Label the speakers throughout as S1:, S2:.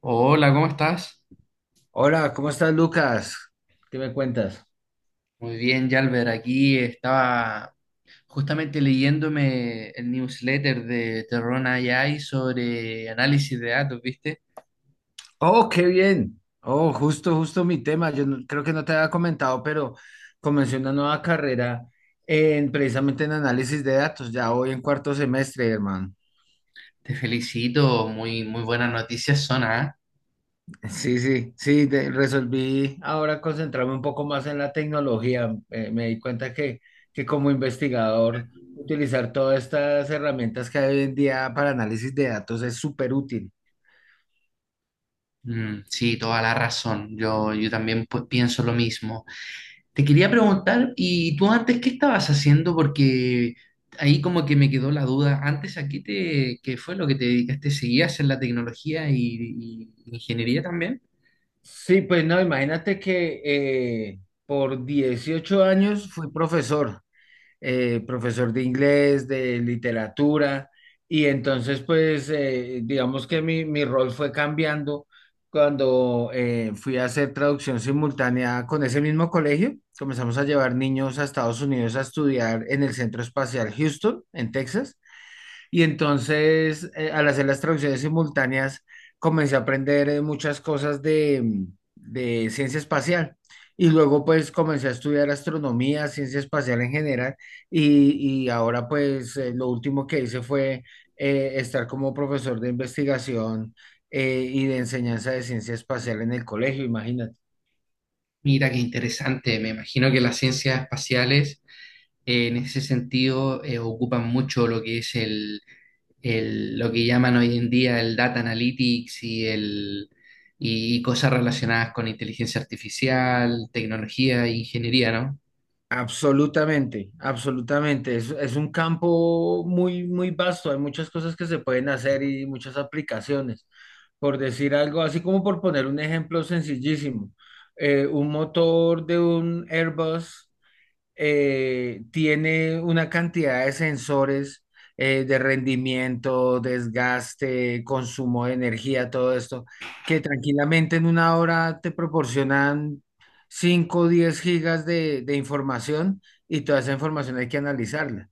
S1: Hola, ¿cómo estás?
S2: Hola, ¿cómo estás, Lucas? ¿Qué me cuentas?
S1: Muy bien, Yalber. Aquí estaba justamente leyéndome el newsletter de Terron AI sobre análisis de datos, ¿viste?
S2: Oh, qué bien. Oh, justo, justo mi tema. Yo no- Creo que no te había comentado, pero comencé una nueva carrera en precisamente en análisis de datos. Ya voy en cuarto semestre, hermano.
S1: Te felicito, muy, muy buenas noticias son, ¿ah?
S2: Sí, sí, sí. Resolví ahora concentrarme un poco más en la tecnología. Me di cuenta que como investigador, utilizar todas estas herramientas que hay hoy en día para análisis de datos es súper útil.
S1: Mm, sí, toda la razón. Yo también pues, pienso lo mismo. Te quería preguntar, ¿y tú antes qué estabas haciendo? Porque ahí como que me quedó la duda. Antes aquí te, ¿qué fue lo que te dedicaste? ¿Seguías en la tecnología y ingeniería también?
S2: Sí, pues no, imagínate que por 18 años fui profesor, profesor de inglés, de literatura, y entonces pues digamos que mi rol fue cambiando cuando fui a hacer traducción simultánea con ese mismo colegio. Comenzamos a llevar niños a Estados Unidos a estudiar en el Centro Espacial Houston, en Texas. Y entonces, al hacer las traducciones simultáneas, comencé a aprender muchas cosas de ciencia espacial. Y luego pues comencé a estudiar astronomía, ciencia espacial en general, y ahora pues lo último que hice fue estar como profesor de investigación y de enseñanza de ciencia espacial en el colegio, imagínate.
S1: Mira, qué interesante. Me imagino que las ciencias espaciales en ese sentido ocupan mucho lo que es lo que llaman hoy en día el data analytics y cosas relacionadas con inteligencia artificial, tecnología e ingeniería, ¿no?
S2: Absolutamente, absolutamente. Es un campo muy, muy vasto. Hay muchas cosas que se pueden hacer y muchas aplicaciones. Por decir algo, así como por poner un ejemplo sencillísimo, un motor de un Airbus tiene una cantidad de sensores de rendimiento, desgaste, consumo de energía, todo esto, que tranquilamente en una hora te proporcionan 5, o 10 gigas de información y toda esa información hay que analizarla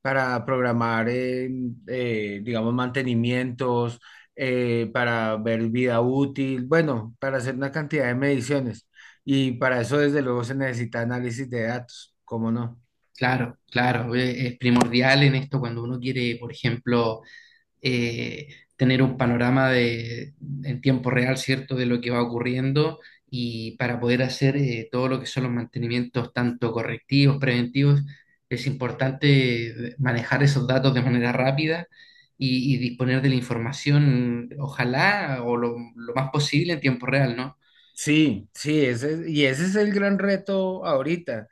S2: para programar, digamos, mantenimientos, para ver vida útil, bueno, para hacer una cantidad de mediciones. Y para eso, desde luego, se necesita análisis de datos, ¿cómo no?
S1: Claro, claro, es primordial en esto cuando uno quiere, por ejemplo, eh, tener un panorama en tiempo real, ¿cierto?, de lo que va ocurriendo y para poder hacer todo lo que son los mantenimientos, tanto correctivos, preventivos, es importante, manejar esos datos de manera rápida y disponer de la información, ojalá, o lo más posible en tiempo real, ¿no?
S2: Sí, sí, y ese es el gran reto ahorita.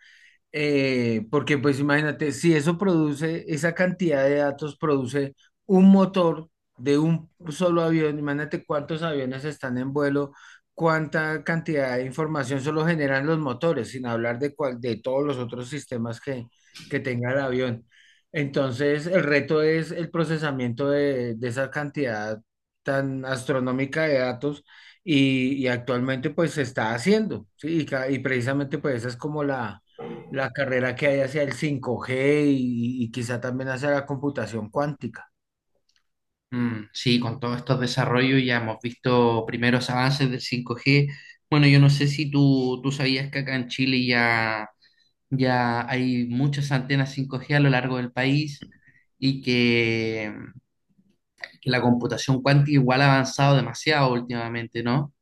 S2: Porque pues imagínate, si eso produce, esa cantidad de datos produce un motor de un solo avión, imagínate cuántos aviones están en vuelo, cuánta cantidad de información solo generan los motores, sin hablar de todos los otros sistemas que tenga el avión. Entonces, el reto es el procesamiento de esa cantidad tan astronómica de datos y actualmente pues se está haciendo, ¿sí? Y precisamente pues esa es como la carrera que hay hacia el 5G y quizá también hacia la computación cuántica.
S1: Mm, sí, con todos estos desarrollos ya hemos visto primeros avances del 5G. Bueno, yo no sé si tú sabías que acá en Chile ya ya hay muchas antenas 5G a lo largo del país y que la computación cuántica igual ha avanzado demasiado últimamente, ¿no?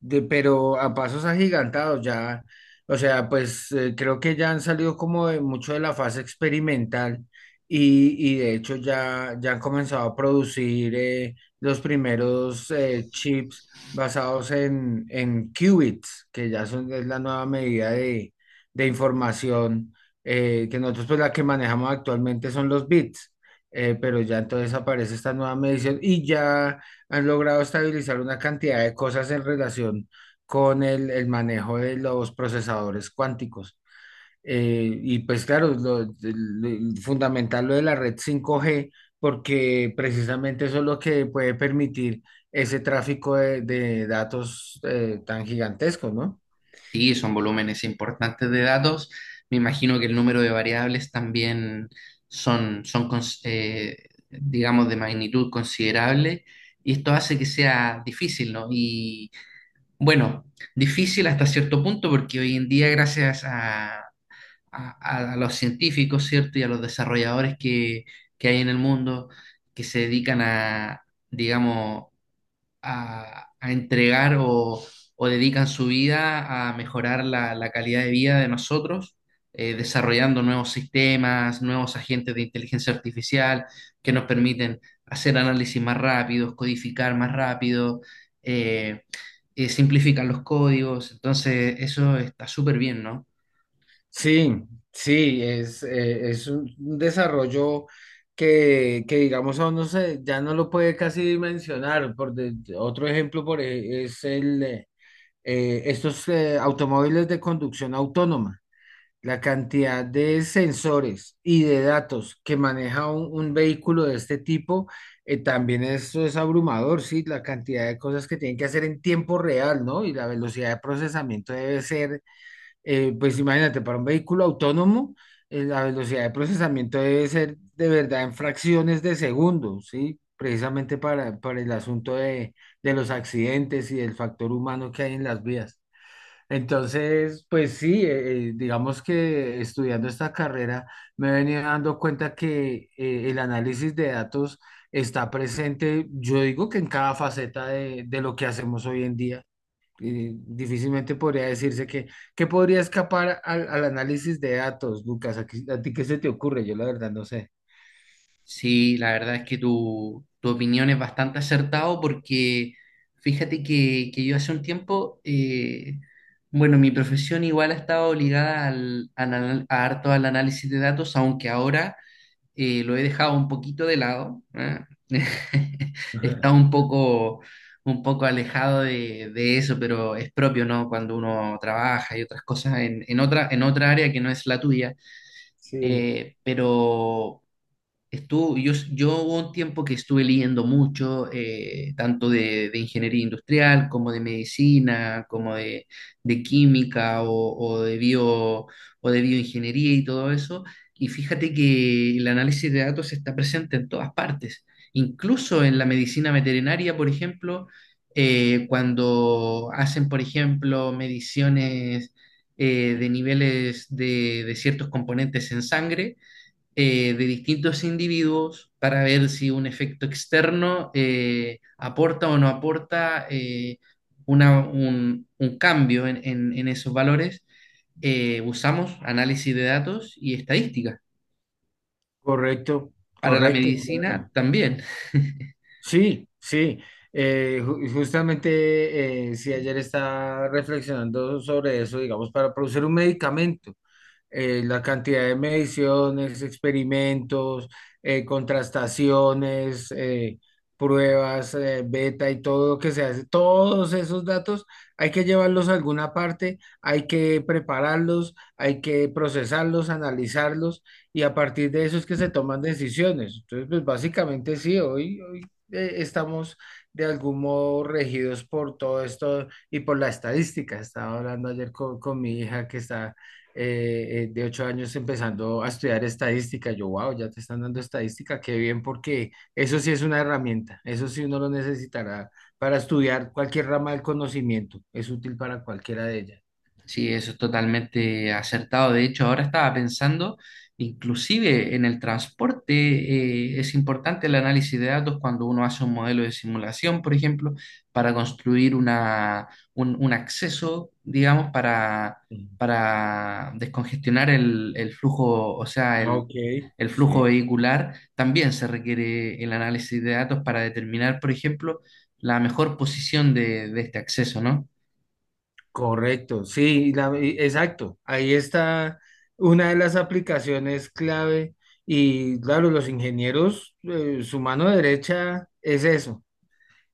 S2: Pero a pasos agigantados ya, o sea, pues creo que ya han salido como de mucho de la fase experimental y de hecho ya, han comenzado a producir los primeros chips basados en qubits, que ya es la nueva medida de información que nosotros pues la que manejamos actualmente son los bits. Pero ya entonces aparece esta nueva medición y ya han logrado estabilizar una cantidad de cosas en relación con el manejo de los procesadores cuánticos. Y pues claro, fundamental lo de la red 5G, porque precisamente eso es lo que puede permitir ese tráfico de datos tan gigantesco, ¿no?
S1: Sí, son volúmenes importantes de datos. Me imagino que el número de variables también son, digamos, de magnitud considerable y esto hace que sea difícil, ¿no? Y bueno, difícil hasta cierto punto porque hoy en día, gracias a los científicos, ¿cierto? Y a los desarrolladores que hay en el mundo que se dedican a, digamos, a entregar o dedican su vida a mejorar la calidad de vida de nosotros, desarrollando nuevos sistemas, nuevos agentes de inteligencia artificial que nos permiten hacer análisis más rápidos, codificar más rápido, eh, simplifican los códigos. Entonces, eso está súper bien, ¿no?
S2: Sí, sí, es un desarrollo que digamos, aún no sé, ya no lo puede casi dimensionar. Otro ejemplo por, ej- es el, estos automóviles de conducción autónoma. La cantidad de sensores y de datos que maneja un vehículo de este tipo, también esto es abrumador, sí, la cantidad de cosas que tienen que hacer en tiempo real, ¿no? Y la velocidad de procesamiento debe ser pues imagínate, para un vehículo autónomo, la velocidad de procesamiento debe ser de verdad en fracciones de segundos, ¿sí? Precisamente para el asunto de los accidentes y del factor humano que hay en las vías. Entonces, pues sí, digamos que estudiando esta carrera me he venido dando cuenta que el análisis de datos está presente, yo digo que en cada faceta de lo que hacemos hoy en día y difícilmente podría decirse que, ¿qué podría escapar al análisis de datos, Lucas? ¿A ti qué se te ocurre? Yo la verdad no sé.
S1: Sí, la verdad es que tu opinión es bastante acertado porque fíjate que yo hace un tiempo, bueno, mi profesión igual ha estado ligada a harto al análisis de datos, aunque ahora lo he dejado un poquito de lado. ¿Eh? He
S2: Ajá.
S1: estado un poco alejado de eso, pero es propio, ¿no? Cuando uno trabaja y otras cosas en, en otra área que no es la tuya.
S2: Sí,
S1: Pero estuvo, yo hubo un tiempo que estuve leyendo mucho, tanto de ingeniería industrial como de medicina, como de química o de bio, o de bioingeniería y todo eso. Y fíjate que el análisis de datos está presente en todas partes, incluso en la medicina veterinaria, por ejemplo, cuando hacen, por ejemplo, mediciones de niveles de ciertos componentes en sangre, de distintos individuos para ver si un efecto externo aporta o no aporta, un cambio en esos valores. Usamos análisis de datos y estadística.
S2: correcto,
S1: Para la
S2: correcto,
S1: medicina
S2: claro.
S1: también.
S2: Sí, sí. Justamente, si ayer estaba reflexionando sobre eso, digamos, para producir un medicamento. La cantidad de mediciones, experimentos, contrastaciones, pruebas, beta y todo lo que se hace, todos esos datos hay que llevarlos a alguna parte, hay que prepararlos, hay que procesarlos, analizarlos y a partir de eso es que se toman decisiones. Entonces, pues básicamente sí, hoy estamos de algún modo regidos por todo esto y por la estadística. Estaba hablando ayer con mi hija que está de 8 años empezando a estudiar estadística. Yo, wow, ya te están dando estadística, qué bien, porque eso sí es una herramienta, eso sí uno lo necesitará para estudiar cualquier rama del conocimiento, es útil para cualquiera de ellas.
S1: Sí, eso es totalmente acertado. De hecho, ahora estaba pensando, inclusive en el transporte, es importante el análisis de datos cuando uno hace un modelo de simulación, por ejemplo, para construir un acceso, digamos,
S2: Ujú.
S1: para descongestionar el flujo, o sea,
S2: Ah, ok,
S1: el flujo
S2: sí.
S1: vehicular. También se requiere el análisis de datos para determinar, por ejemplo, la mejor posición de este acceso, ¿no?
S2: Correcto, sí, exacto. Ahí está una de las aplicaciones clave y claro, los ingenieros, su mano derecha es eso,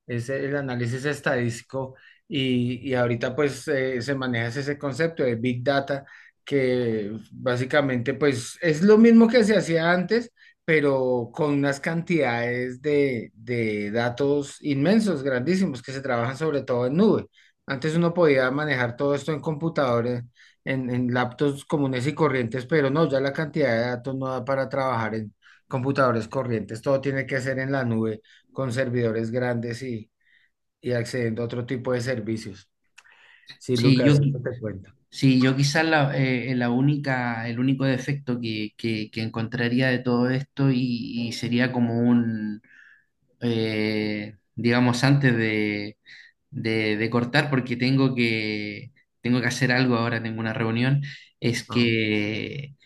S2: es el análisis estadístico y ahorita pues se maneja ese concepto de Big Data que básicamente pues es lo mismo que se hacía antes, pero con unas cantidades de datos inmensos, grandísimos, que se trabajan sobre todo en nube. Antes uno podía manejar todo esto en computadores, en laptops comunes y corrientes, pero no, ya la cantidad de datos no da para trabajar en computadores corrientes, todo tiene que ser en la nube con servidores grandes y accediendo a otro tipo de servicios. Sí,
S1: Sí, yo,
S2: Lucas, eso te cuento.
S1: Sí, yo quizás la única, el único defecto que encontraría de todo esto y sería como un, digamos, antes de cortar, porque tengo tengo que hacer algo ahora, tengo una reunión, es
S2: Ah,
S1: que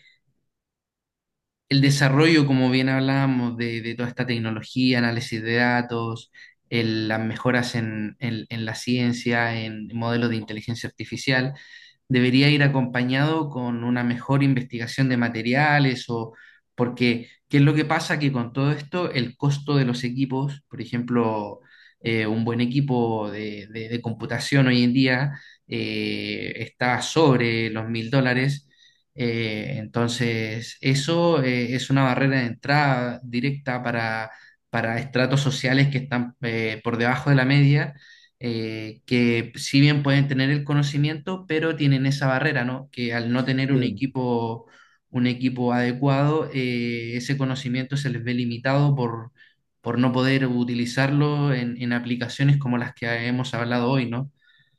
S1: el desarrollo, como bien hablábamos, de toda esta tecnología, análisis de datos, las mejoras en, en la ciencia, en modelos de inteligencia artificial, debería ir acompañado con una mejor investigación de materiales o porque, ¿qué es lo que pasa? Que con todo esto, el costo de los equipos, por ejemplo, un buen equipo de, de computación hoy en día está sobre los $1000. Entonces, eso es una barrera de entrada directa para estratos sociales que están por debajo de la media, que si bien pueden tener el conocimiento, pero tienen esa barrera, ¿no? Que al no tener
S2: sí.
S1: un equipo adecuado, ese conocimiento se les ve limitado por no poder utilizarlo en aplicaciones como las que hemos hablado hoy, ¿no?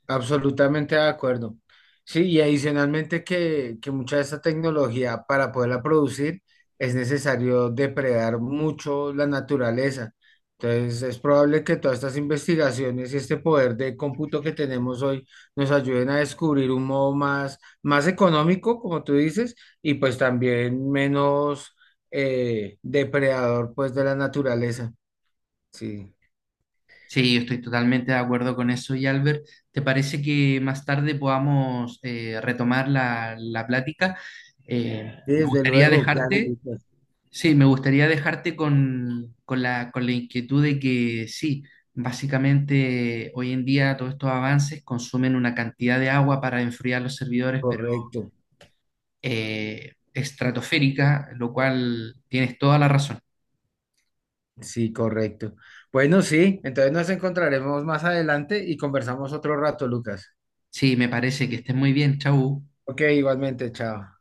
S2: Absolutamente de acuerdo. Sí, y adicionalmente que mucha de esta tecnología para poderla producir es necesario depredar mucho la naturaleza. Entonces es probable que todas estas investigaciones y este poder de cómputo que tenemos hoy nos ayuden a descubrir un modo más, más económico, como tú dices, y pues también menos depredador pues de la naturaleza. Sí,
S1: Sí, yo estoy totalmente de acuerdo con eso. Y Albert, ¿te parece que más tarde podamos retomar la plática?
S2: sí,
S1: Me
S2: desde
S1: gustaría
S2: luego, claro,
S1: dejarte,
S2: Lucas,
S1: sí, me gustaría dejarte con la inquietud de que sí, básicamente hoy en día todos estos avances consumen una cantidad de agua para enfriar los servidores, pero
S2: correcto.
S1: estratosférica, lo cual tienes toda la razón.
S2: Sí, correcto. Bueno, sí, entonces nos encontraremos más adelante y conversamos otro rato, Lucas.
S1: Sí, me parece que estés muy bien, chau.
S2: Ok, igualmente, chao.